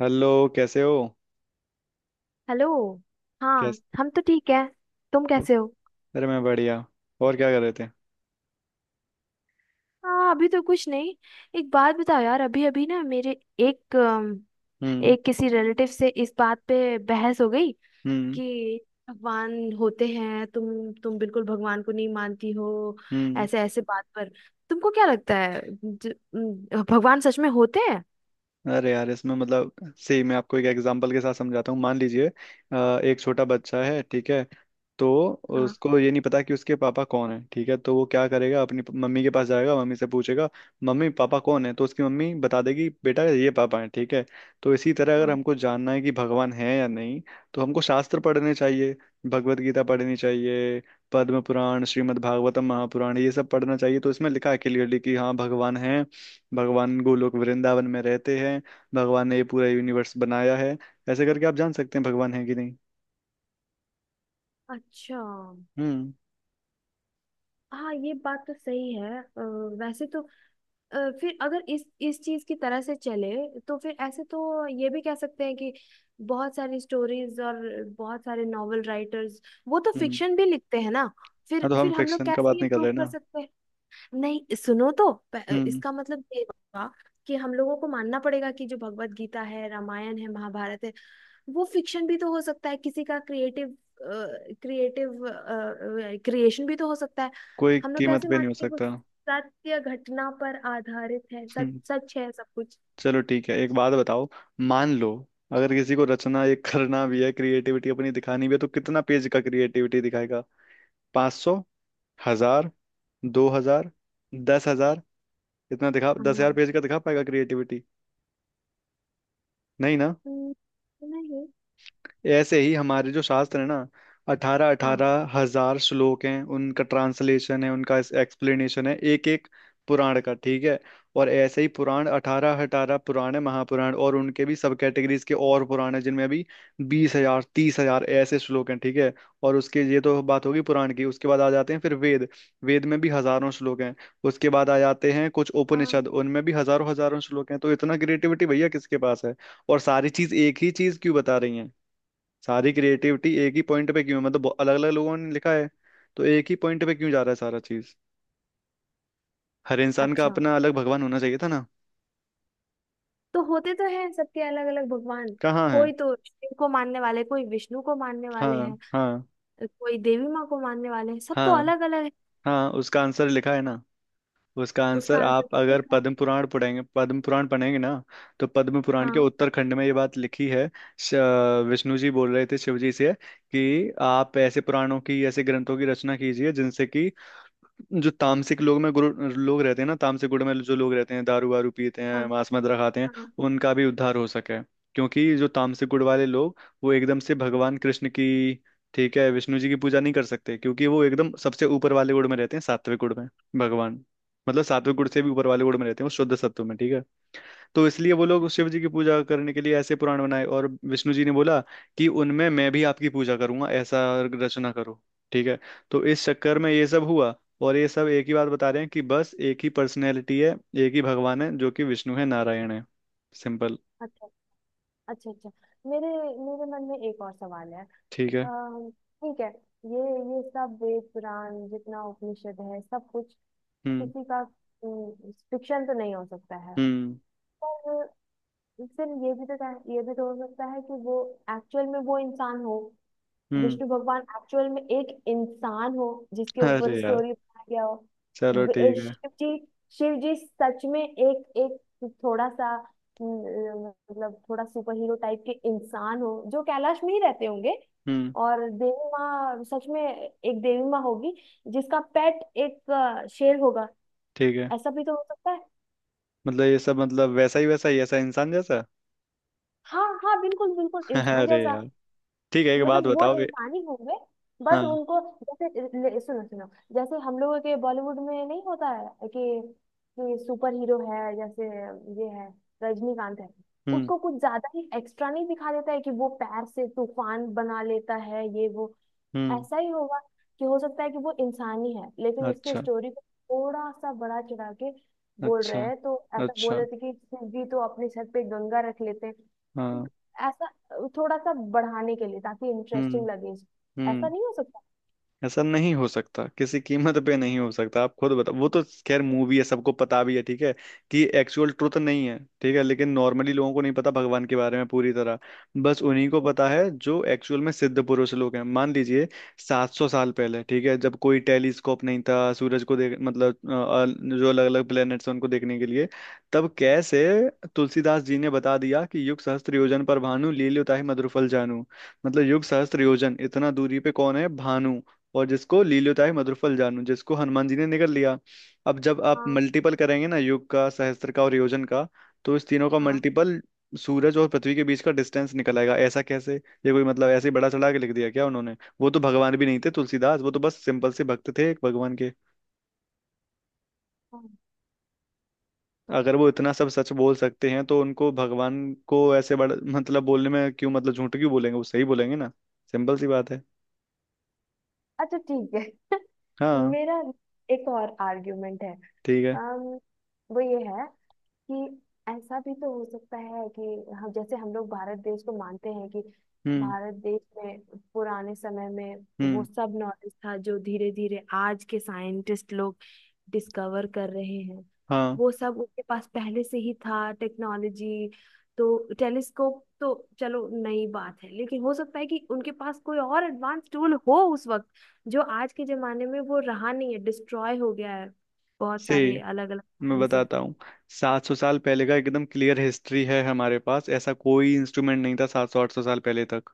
Hello. कैसे हो hello. हाँ, कैसे हम तो ठीक है। तुम हो कैसे हो? अरे मैं बढ़िया। और क्या कर रहे थे? हाँ, अभी तो कुछ नहीं। एक बात बताओ यार, अभी अभी ना मेरे एक हम्म। एक किसी रिलेटिव से इस बात पे बहस हो गई हम्म। कि भगवान होते हैं। तुम बिल्कुल भगवान को नहीं मानती हो, हम्म। ऐसे ऐसे बात पर। तुमको क्या लगता है, भगवान सच में होते हैं? अरे यार, इसमें मतलब सही, मैं आपको एक एग्जांपल के साथ समझाता हूँ। मान लीजिए एक छोटा बच्चा है, ठीक है। तो हाँ उसको ये नहीं पता कि उसके पापा कौन है, ठीक है। तो वो क्या करेगा? अपनी मम्मी के पास जाएगा, मम्मी से पूछेगा मम्मी पापा कौन है, तो उसकी मम्मी बता देगी बेटा ये पापा है, ठीक है। तो इसी तरह अगर हाँ। हमको जानना है कि भगवान है या नहीं, तो हमको शास्त्र पढ़ने चाहिए, भगवत गीता पढ़नी चाहिए, पद्म पुराण, श्रीमद् भागवतम, महापुराण, ये सब पढ़ना चाहिए। तो इसमें लिखा है क्लियरली कि हाँ, भगवान है। भगवान गोलोक वृंदावन में रहते हैं। भगवान ने ये पूरा यूनिवर्स बनाया है। ऐसे करके आप जान सकते हैं भगवान है कि नहीं। अच्छा। हम्म। हाँ, ये बात तो सही है वैसे तो। फिर अगर इस चीज की तरह से चले तो फिर ऐसे तो ये भी कह सकते हैं कि बहुत सारी स्टोरीज और बहुत सारे नॉवल राइटर्स, वो तो हम्म। फिक्शन भी लिखते हैं ना। हाँ, फिर तो हम फिर हम लोग फिक्शन का कैसे बात ये नहीं कर प्रूव रहे कर ना। सकते हैं? नहीं सुनो, तो हम्म। इसका मतलब ये हुआ कि हम लोगों को मानना पड़ेगा कि जो भगवत गीता है, रामायण है, महाभारत है, वो फिक्शन भी तो हो सकता है, किसी का क्रिएटिव क्रिएटिव क्रिएशन भी तो हो सकता है। कोई हम लोग कीमत कैसे पे नहीं माने हो कि वो सकता। सत्य घटना पर आधारित है, सच हम्म। सच है सब कुछ। चलो ठीक है, एक बात बताओ। मान लो, अगर किसी को रचना ये करना भी है, क्रिएटिविटी अपनी दिखानी भी है, तो कितना पेज का क्रिएटिविटी दिखाएगा? 500, 1,000, 2,000, 10,000? इतना दिखा, दस हजार हाँ। पेज का दिखा पाएगा क्रिएटिविटी? नहीं ना। हम्म, नहीं। ऐसे ही हमारे जो शास्त्र है ना, अठारह हाँ अठारह हजार श्लोक हैं, उनका ट्रांसलेशन है, उनका एक्सप्लेनेशन है एक एक पुराण का, ठीक है। और ऐसे ही पुराण अठारह अठारह पुराण है महापुराण, और उनके भी सब कैटेगरीज के और पुराण है जिनमें अभी 20,000, 30,000 ऐसे श्लोक हैं, ठीक है। और उसके, ये तो बात होगी पुराण की, उसके बाद आ जाते हैं फिर वेद। वेद में भी हजारों श्लोक हैं। उसके बाद आ जाते हैं कुछ हाँ। उपनिषद, उनमें भी हजारों हजारों श्लोक हैं। तो इतना क्रिएटिविटी भैया किसके पास है? और सारी चीज एक ही चीज क्यों बता रही है? सारी क्रिएटिविटी एक ही पॉइंट पे क्यों है? मतलब अलग अलग लोगों ने लिखा है, तो एक ही पॉइंट पे क्यों जा रहा है सारा चीज? हर इंसान का अच्छा। अपना अलग भगवान होना चाहिए था ना। तो होते तो हैं सबके अलग अलग भगवान। कहाँ है? कोई तो शिव को मानने वाले, कोई विष्णु को मानने वाले हैं, हाँ हाँ। कोई देवी माँ को मानने वाले हैं। सब तो हाँ। अलग अलग है। हाँ, उसका आंसर लिखा है ना। उसका उसका आंसर आंसर आप क्या अगर दिखा? पद्म पुराण पढ़ेंगे, पद्म पुराण पढ़ेंगे ना, तो पद्म पुराण के हाँ उत्तरखंड में ये बात लिखी है। श- विष्णु जी बोल रहे थे शिव जी से कि आप ऐसे पुराणों की, ऐसे ग्रंथों की रचना कीजिए जिनसे कि जो तामसिक लोग में गुरु लोग रहते हैं ना, तामसिक गुण में जो लोग रहते हैं, दारू वारू पीते हाँ हैं, मांस मदिरा खाते हैं, हाँ। उनका भी उद्धार हो सके। क्योंकि जो तामसिक गुण वाले लोग, वो एकदम से भगवान कृष्ण की, ठीक है, विष्णु जी की पूजा नहीं कर सकते क्योंकि वो एकदम सबसे ऊपर वाले गुण में रहते हैं, सात्विक गुण में। भगवान मतलब सात्विक गुण से भी ऊपर वाले गुण में रहते हैं, वो शुद्ध सत्व में, ठीक है। तो इसलिए वो लोग शिव जी की पूजा करने के लिए ऐसे पुराण बनाए और विष्णु जी ने बोला कि उनमें मैं भी आपकी पूजा करूंगा, ऐसा रचना करो, ठीक है। तो इस चक्कर में ये सब हुआ। और ये सब एक ही बात बता रहे हैं कि बस एक ही पर्सनैलिटी है, एक ही भगवान है, जो कि विष्णु है, नारायण है। सिंपल। अच्छा अच्छा अच्छा। मेरे मेरे मन में एक और सवाल है। ठीक है। अम, ठीक है, ये सब वेद पुराण जितना उपनिषद है, सब कुछ हम्म। किसी का फिक्शन तो नहीं हो सकता है। हम्म। पर फिर ये भी तो, ये भी तो हो सकता है कि वो एक्चुअल में वो इंसान हो, हम्म। विष्णु भगवान एक्चुअल में एक इंसान हो जिसके ऊपर अरे यार, स्टोरी बनाया गया हो। चलो वि- ठीक है। शिव जी, शिव जी सच में एक एक थोड़ा सा मतलब थोड़ा सुपर हीरो टाइप के इंसान हो जो कैलाश में ही रहते होंगे। हम्म। और देवी माँ सच में एक देवी माँ होगी जिसका पेट एक शेर होगा। ठीक है। ऐसा भी तो हो सकता है। मतलब ये सब, मतलब वैसा ही ऐसा इंसान जैसा? हाँ हाँ, बिल्कुल बिल्कुल इंसान अरे जैसा। यार, ठीक है, एक बात मतलब वो बताओ। इंसान ही होंगे, बस हाँ। उनको जैसे, सुनो सुनो, जैसे हम लोगों के बॉलीवुड में नहीं होता है कि, सुपर हीरो है? जैसे ये है, रजनीकांत है, हम्म। उसको कुछ ज्यादा ही एक्स्ट्रा नहीं दिखा देता है कि वो पैर से तूफान बना लेता है, ये वो। हम्म। ऐसा ही होगा कि हो सकता है कि वो इंसान ही है लेकिन उसकी अच्छा। स्टोरी को थोड़ा सा बड़ा चढ़ा के बोल रहे अच्छा। हैं। तो ऐसा बोल अच्छा। रहे थे कि शिव जी तो अपने सर पे गंगा रख लेते हैं, हाँ। ऐसा। थोड़ा सा बढ़ाने के लिए ताकि हम्म। इंटरेस्टिंग लगे। ऐसा हम्म। नहीं हो सकता ऐसा नहीं हो सकता, किसी कीमत पे नहीं हो सकता। आप खुद बताओ, वो तो खैर मूवी है, सबको पता भी है, ठीक है, कि एक्चुअल ट्रुथ नहीं है। ठीक है, लेकिन नॉर्मली लोगों को नहीं पता भगवान के बारे में पूरी तरह, बस उन्हीं को कि? पता है जो एक्चुअल में सिद्ध पुरुष लोग हैं। मान लीजिए 700 साल पहले, ठीक है, जब कोई टेलीस्कोप नहीं था सूरज को देख, मतलब जो अलग अलग प्लेनेट्स हैं उनको देखने के लिए, तब कैसे तुलसीदास जी ने बता दिया कि युग सहस्त्र योजन पर भानु लील्योताहि मधुरफल जानू। मतलब युग सहस्त्र योजन इतना दूरी पे कौन है भानु, और जिसको लील्योताय मधुरफल जानू, जिसको हनुमान जी ने निगल लिया। अब जब आप हाँ मल्टीपल करेंगे ना युग का, सहस्त्र का और योजन का, तो इस तीनों का हाँ मल्टीपल सूरज और पृथ्वी के बीच का डिस्टेंस निकल आएगा। ऐसा कैसे, ये कोई मतलब ऐसे ही बड़ा चढ़ा के लिख दिया क्या उन्होंने? वो तो भगवान भी नहीं थे तुलसीदास, वो तो बस सिंपल से भक्त थे एक भगवान के। हाँ। अगर वो इतना सब सच बोल सकते हैं तो उनको भगवान को ऐसे बड़ा मतलब बोलने में क्यों, मतलब झूठ क्यों बोलेंगे? वो सही बोलेंगे ना। सिंपल सी बात है। अच्छा ठीक है। हाँ। मेरा एक और आर्ग्यूमेंट है। ठीक है। अम, वो ये है कि ऐसा भी तो हो सकता है कि हम जैसे हम लोग भारत देश को मानते हैं कि हम्म। भारत देश में पुराने समय में वो हम्म। सब नॉलेज था जो धीरे धीरे आज के साइंटिस्ट लोग डिस्कवर कर रहे हैं, हाँ वो सब उनके पास पहले से ही था। टेक्नोलॉजी, तो टेलीस्कोप तो चलो नई बात है लेकिन हो सकता है कि उनके पास कोई और एडवांस टूल हो उस वक्त, जो आज के जमाने में वो रहा नहीं है, डिस्ट्रॉय हो गया है बहुत से सारे अलग अलग मैं कारण बताता हूँ। 700 साल पहले का एकदम क्लियर हिस्ट्री है हमारे पास, ऐसा कोई इंस्ट्रूमेंट नहीं था 700-800 साल पहले तक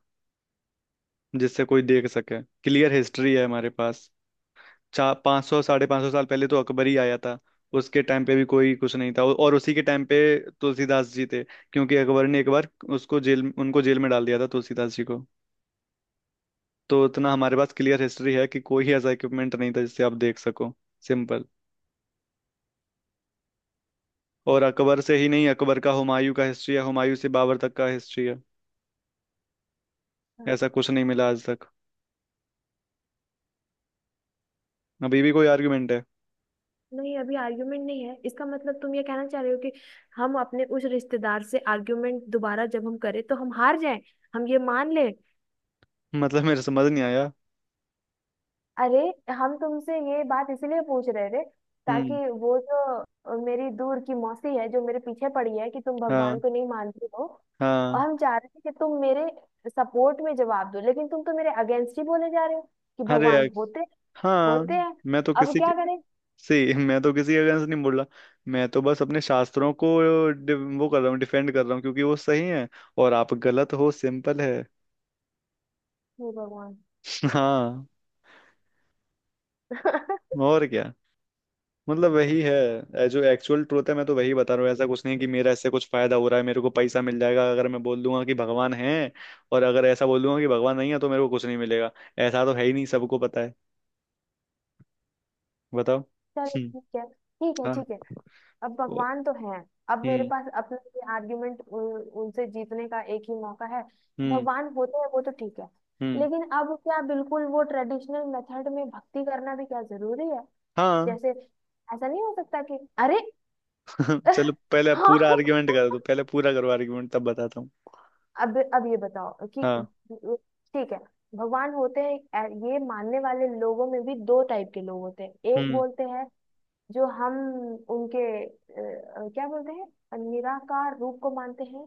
जिससे कोई देख सके, क्लियर हिस्ट्री है हमारे पास। 400-500, 550 साल पहले तो अकबर ही आया था, उसके टाइम पे भी कोई कुछ नहीं था, और उसी के टाइम पे तुलसीदास जी थे, क्योंकि अकबर ने एक बार उसको जेल, उनको जेल में डाल दिया था तुलसीदास जी को। तो उतना हमारे पास क्लियर हिस्ट्री है कि कोई ऐसा इक्विपमेंट नहीं था जिससे आप देख सको। सिंपल। और अकबर से ही नहीं, अकबर का, हुमायूं का हिस्ट्री है, हुमायूं से बाबर तक का हिस्ट्री है, से। ऐसा कुछ नहीं मिला आज तक। अभी भी कोई आर्गुमेंट है? नहीं, अभी आर्ग्यूमेंट नहीं है। इसका मतलब तुम ये कहना चाह रहे हो कि हम अपने उस रिश्तेदार से आर्ग्यूमेंट दोबारा जब हम करें तो हम हार जाएं, हम ये मान लें? मतलब मेरे समझ नहीं आया। अरे, हम तुमसे ये बात इसलिए पूछ रहे थे ताकि हम्म। वो जो मेरी दूर की मौसी है जो मेरे पीछे पड़ी है कि तुम भगवान हाँ को नहीं मानती हो, और हाँ। हम चाह रहे थे कि तुम मेरे सपोर्ट में जवाब दो लेकिन तुम तो मेरे अगेंस्ट ही बोले जा रहे हो कि अरे यार, भगवान होते हाँ, होते हैं। मैं तो अब किसी के क्या करें? मैं तो किसी के अगेंस्ट नहीं बोल रहा, मैं तो बस अपने शास्त्रों को वो कर रहा हूँ, डिफेंड कर रहा हूँ, क्योंकि वो सही है और आप गलत हो। सिंपल है। हे भगवान। हाँ, और क्या। मतलब वही है, जो एक्चुअल ट्रूथ है, मैं तो वही बता रहा हूँ। ऐसा कुछ नहीं कि मेरा इससे कुछ फायदा हो रहा है, मेरे को पैसा मिल जाएगा अगर मैं बोल दूंगा कि भगवान है, और अगर ऐसा बोल दूंगा कि भगवान नहीं है तो मेरे को कुछ नहीं मिलेगा। ऐसा तो है ही नहीं, सबको पता है। बताओ। चलो हम्म। ठीक है ठीक है हाँ। ठीक है। अब वो- भगवान तो है, अब मेरे हम्म। पास अपना ये आर्ग्यूमेंट उनसे जीतने का एक ही मौका है। हम्म। भगवान होते हैं वो तो ठीक है, हम्म। लेकिन अब क्या बिल्कुल वो ट्रेडिशनल मेथड में भक्ति करना भी क्या जरूरी है? हाँ। जैसे ऐसा नहीं हो सकता कि, अरे। चलो पहले आप पूरा हाँ। आर्ग्यूमेंट कर दो, पहले पूरा करो आर्ग्यूमेंट, तब बताता हूँ। अब ये बताओ कि, हाँ। ठीक है, भगवान होते हैं ये मानने वाले लोगों में भी दो टाइप के लोग होते हैं। एक हम्म। बोलते हैं जो हम उनके क्या बोलते हैं, निराकार रूप को मानते हैं।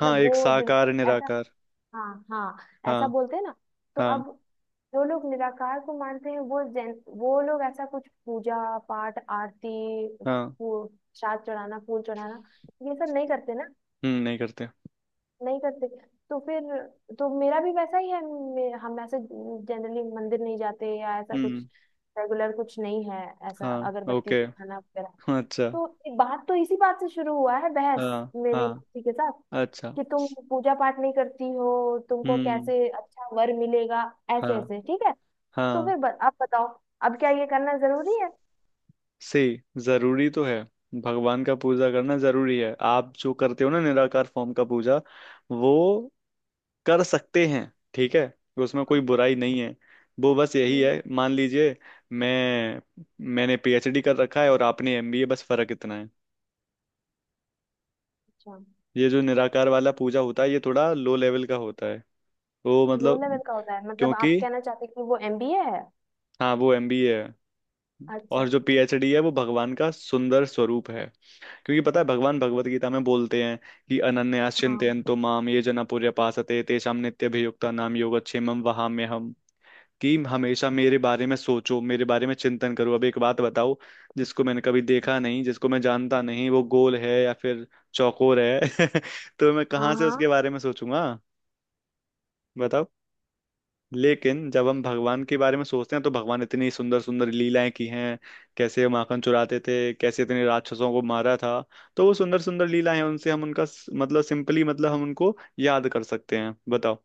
हाँ, एक वो साकार ऐसा, निराकार। हाँ हाँ, ऐसा हाँ बोलते हैं ना। तो हाँ। अब जो लोग निराकार को मानते हैं वो जैन, वो लोग ऐसा कुछ पूजा पाठ आरती, हाँ। फूल, श्राद्ध चढ़ाना, फूल चढ़ाना, ये सब नहीं करते ना। हम्म, नहीं करते। नहीं करते। तो फिर तो मेरा भी वैसा ही है। हम ऐसे जनरली मंदिर नहीं जाते या ऐसा कुछ हम्म। रेगुलर कुछ नहीं है, ऐसा हाँ अगरबत्ती ओके। दिखाना वगैरह। अच्छा। तो बात तो इसी बात से शुरू हुआ है, बहस हाँ। मेरी हाँ। मौसी के साथ अच्छा। कि तुम पूजा पाठ नहीं करती हो, तुमको हम्म। कैसे अच्छा वर मिलेगा, ऐसे हाँ। ऐसे ठीक है। तो हाँ फिर आप बताओ, अब क्या ये करना जरूरी है? से जरूरी तो है, भगवान का पूजा करना जरूरी है। आप जो करते हो ना निराकार फॉर्म का पूजा, वो कर सकते हैं, ठीक है, उसमें हाँ, कोई बुराई नहीं है। वो बस यही हम्म, है, मान लीजिए मैं, मैंने पीएचडी कर रखा है और आपने एमबीए, बस फर्क इतना है। अच्छा। ये जो निराकार वाला पूजा होता है ये थोड़ा लो लेवल का होता है, वो लो लेवल मतलब, का होता है मतलब क्योंकि आप कहना चाहते हैं कि वो एमबीए है? हाँ वो एमबीए है, अच्छा। और जो पीएचडी है वो भगवान का सुंदर स्वरूप है। क्योंकि पता है भगवान भगवत गीता में बोलते हैं कि हाँ अनन्याश्चिंतयन्तो माम ये जना पर्यपासते तेषां नित्यभियुक्ता नाम योगक्षेमं वहाम्यहम्, कि हमेशा मेरे बारे में सोचो, मेरे बारे में चिंतन करो। अब एक बात बताओ, जिसको मैंने कभी देखा नहीं, जिसको मैं जानता नहीं, वो गोल है या फिर चौकोर है? तो मैं कहाँ हाँ से उसके हाँ। बारे में सोचूंगा? बताओ। लेकिन जब हम भगवान के बारे में सोचते हैं, तो भगवान इतनी सुंदर सुंदर लीलाएं की हैं, कैसे माखन चुराते थे, कैसे इतने राक्षसों को मारा था, तो वो सुंदर सुंदर लीलाएं हैं, उनसे हम उनका मतलब सिंपली मतलब हम उनको याद कर सकते हैं। बताओ।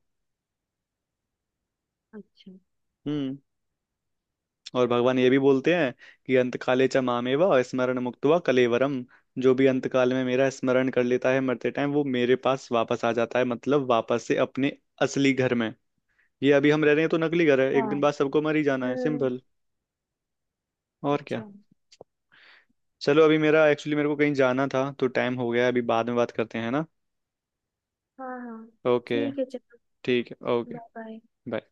अच्छा। हम्म। और भगवान ये भी बोलते हैं कि अंतकाले च मामेव स्मरण मुक्त्वा कलेवरम, जो भी अंतकाल में मेरा स्मरण कर लेता है मरते टाइम, वो मेरे पास वापस आ जाता है, मतलब वापस से अपने असली घर में। ये अभी हम रह रहे हैं तो नकली घर है, एक हाँ दिन बाद सबको मर ही जाना है। हम्म। सिंपल। और क्या। अच्छा। चलो अभी मेरा एक्चुअली मेरे को कहीं जाना था, तो टाइम हो गया है, अभी बाद में बात करते हैं ना। हाँ हाँ ओके। ठीक है चलो। ठीक है ओके। Bye bye. बाय।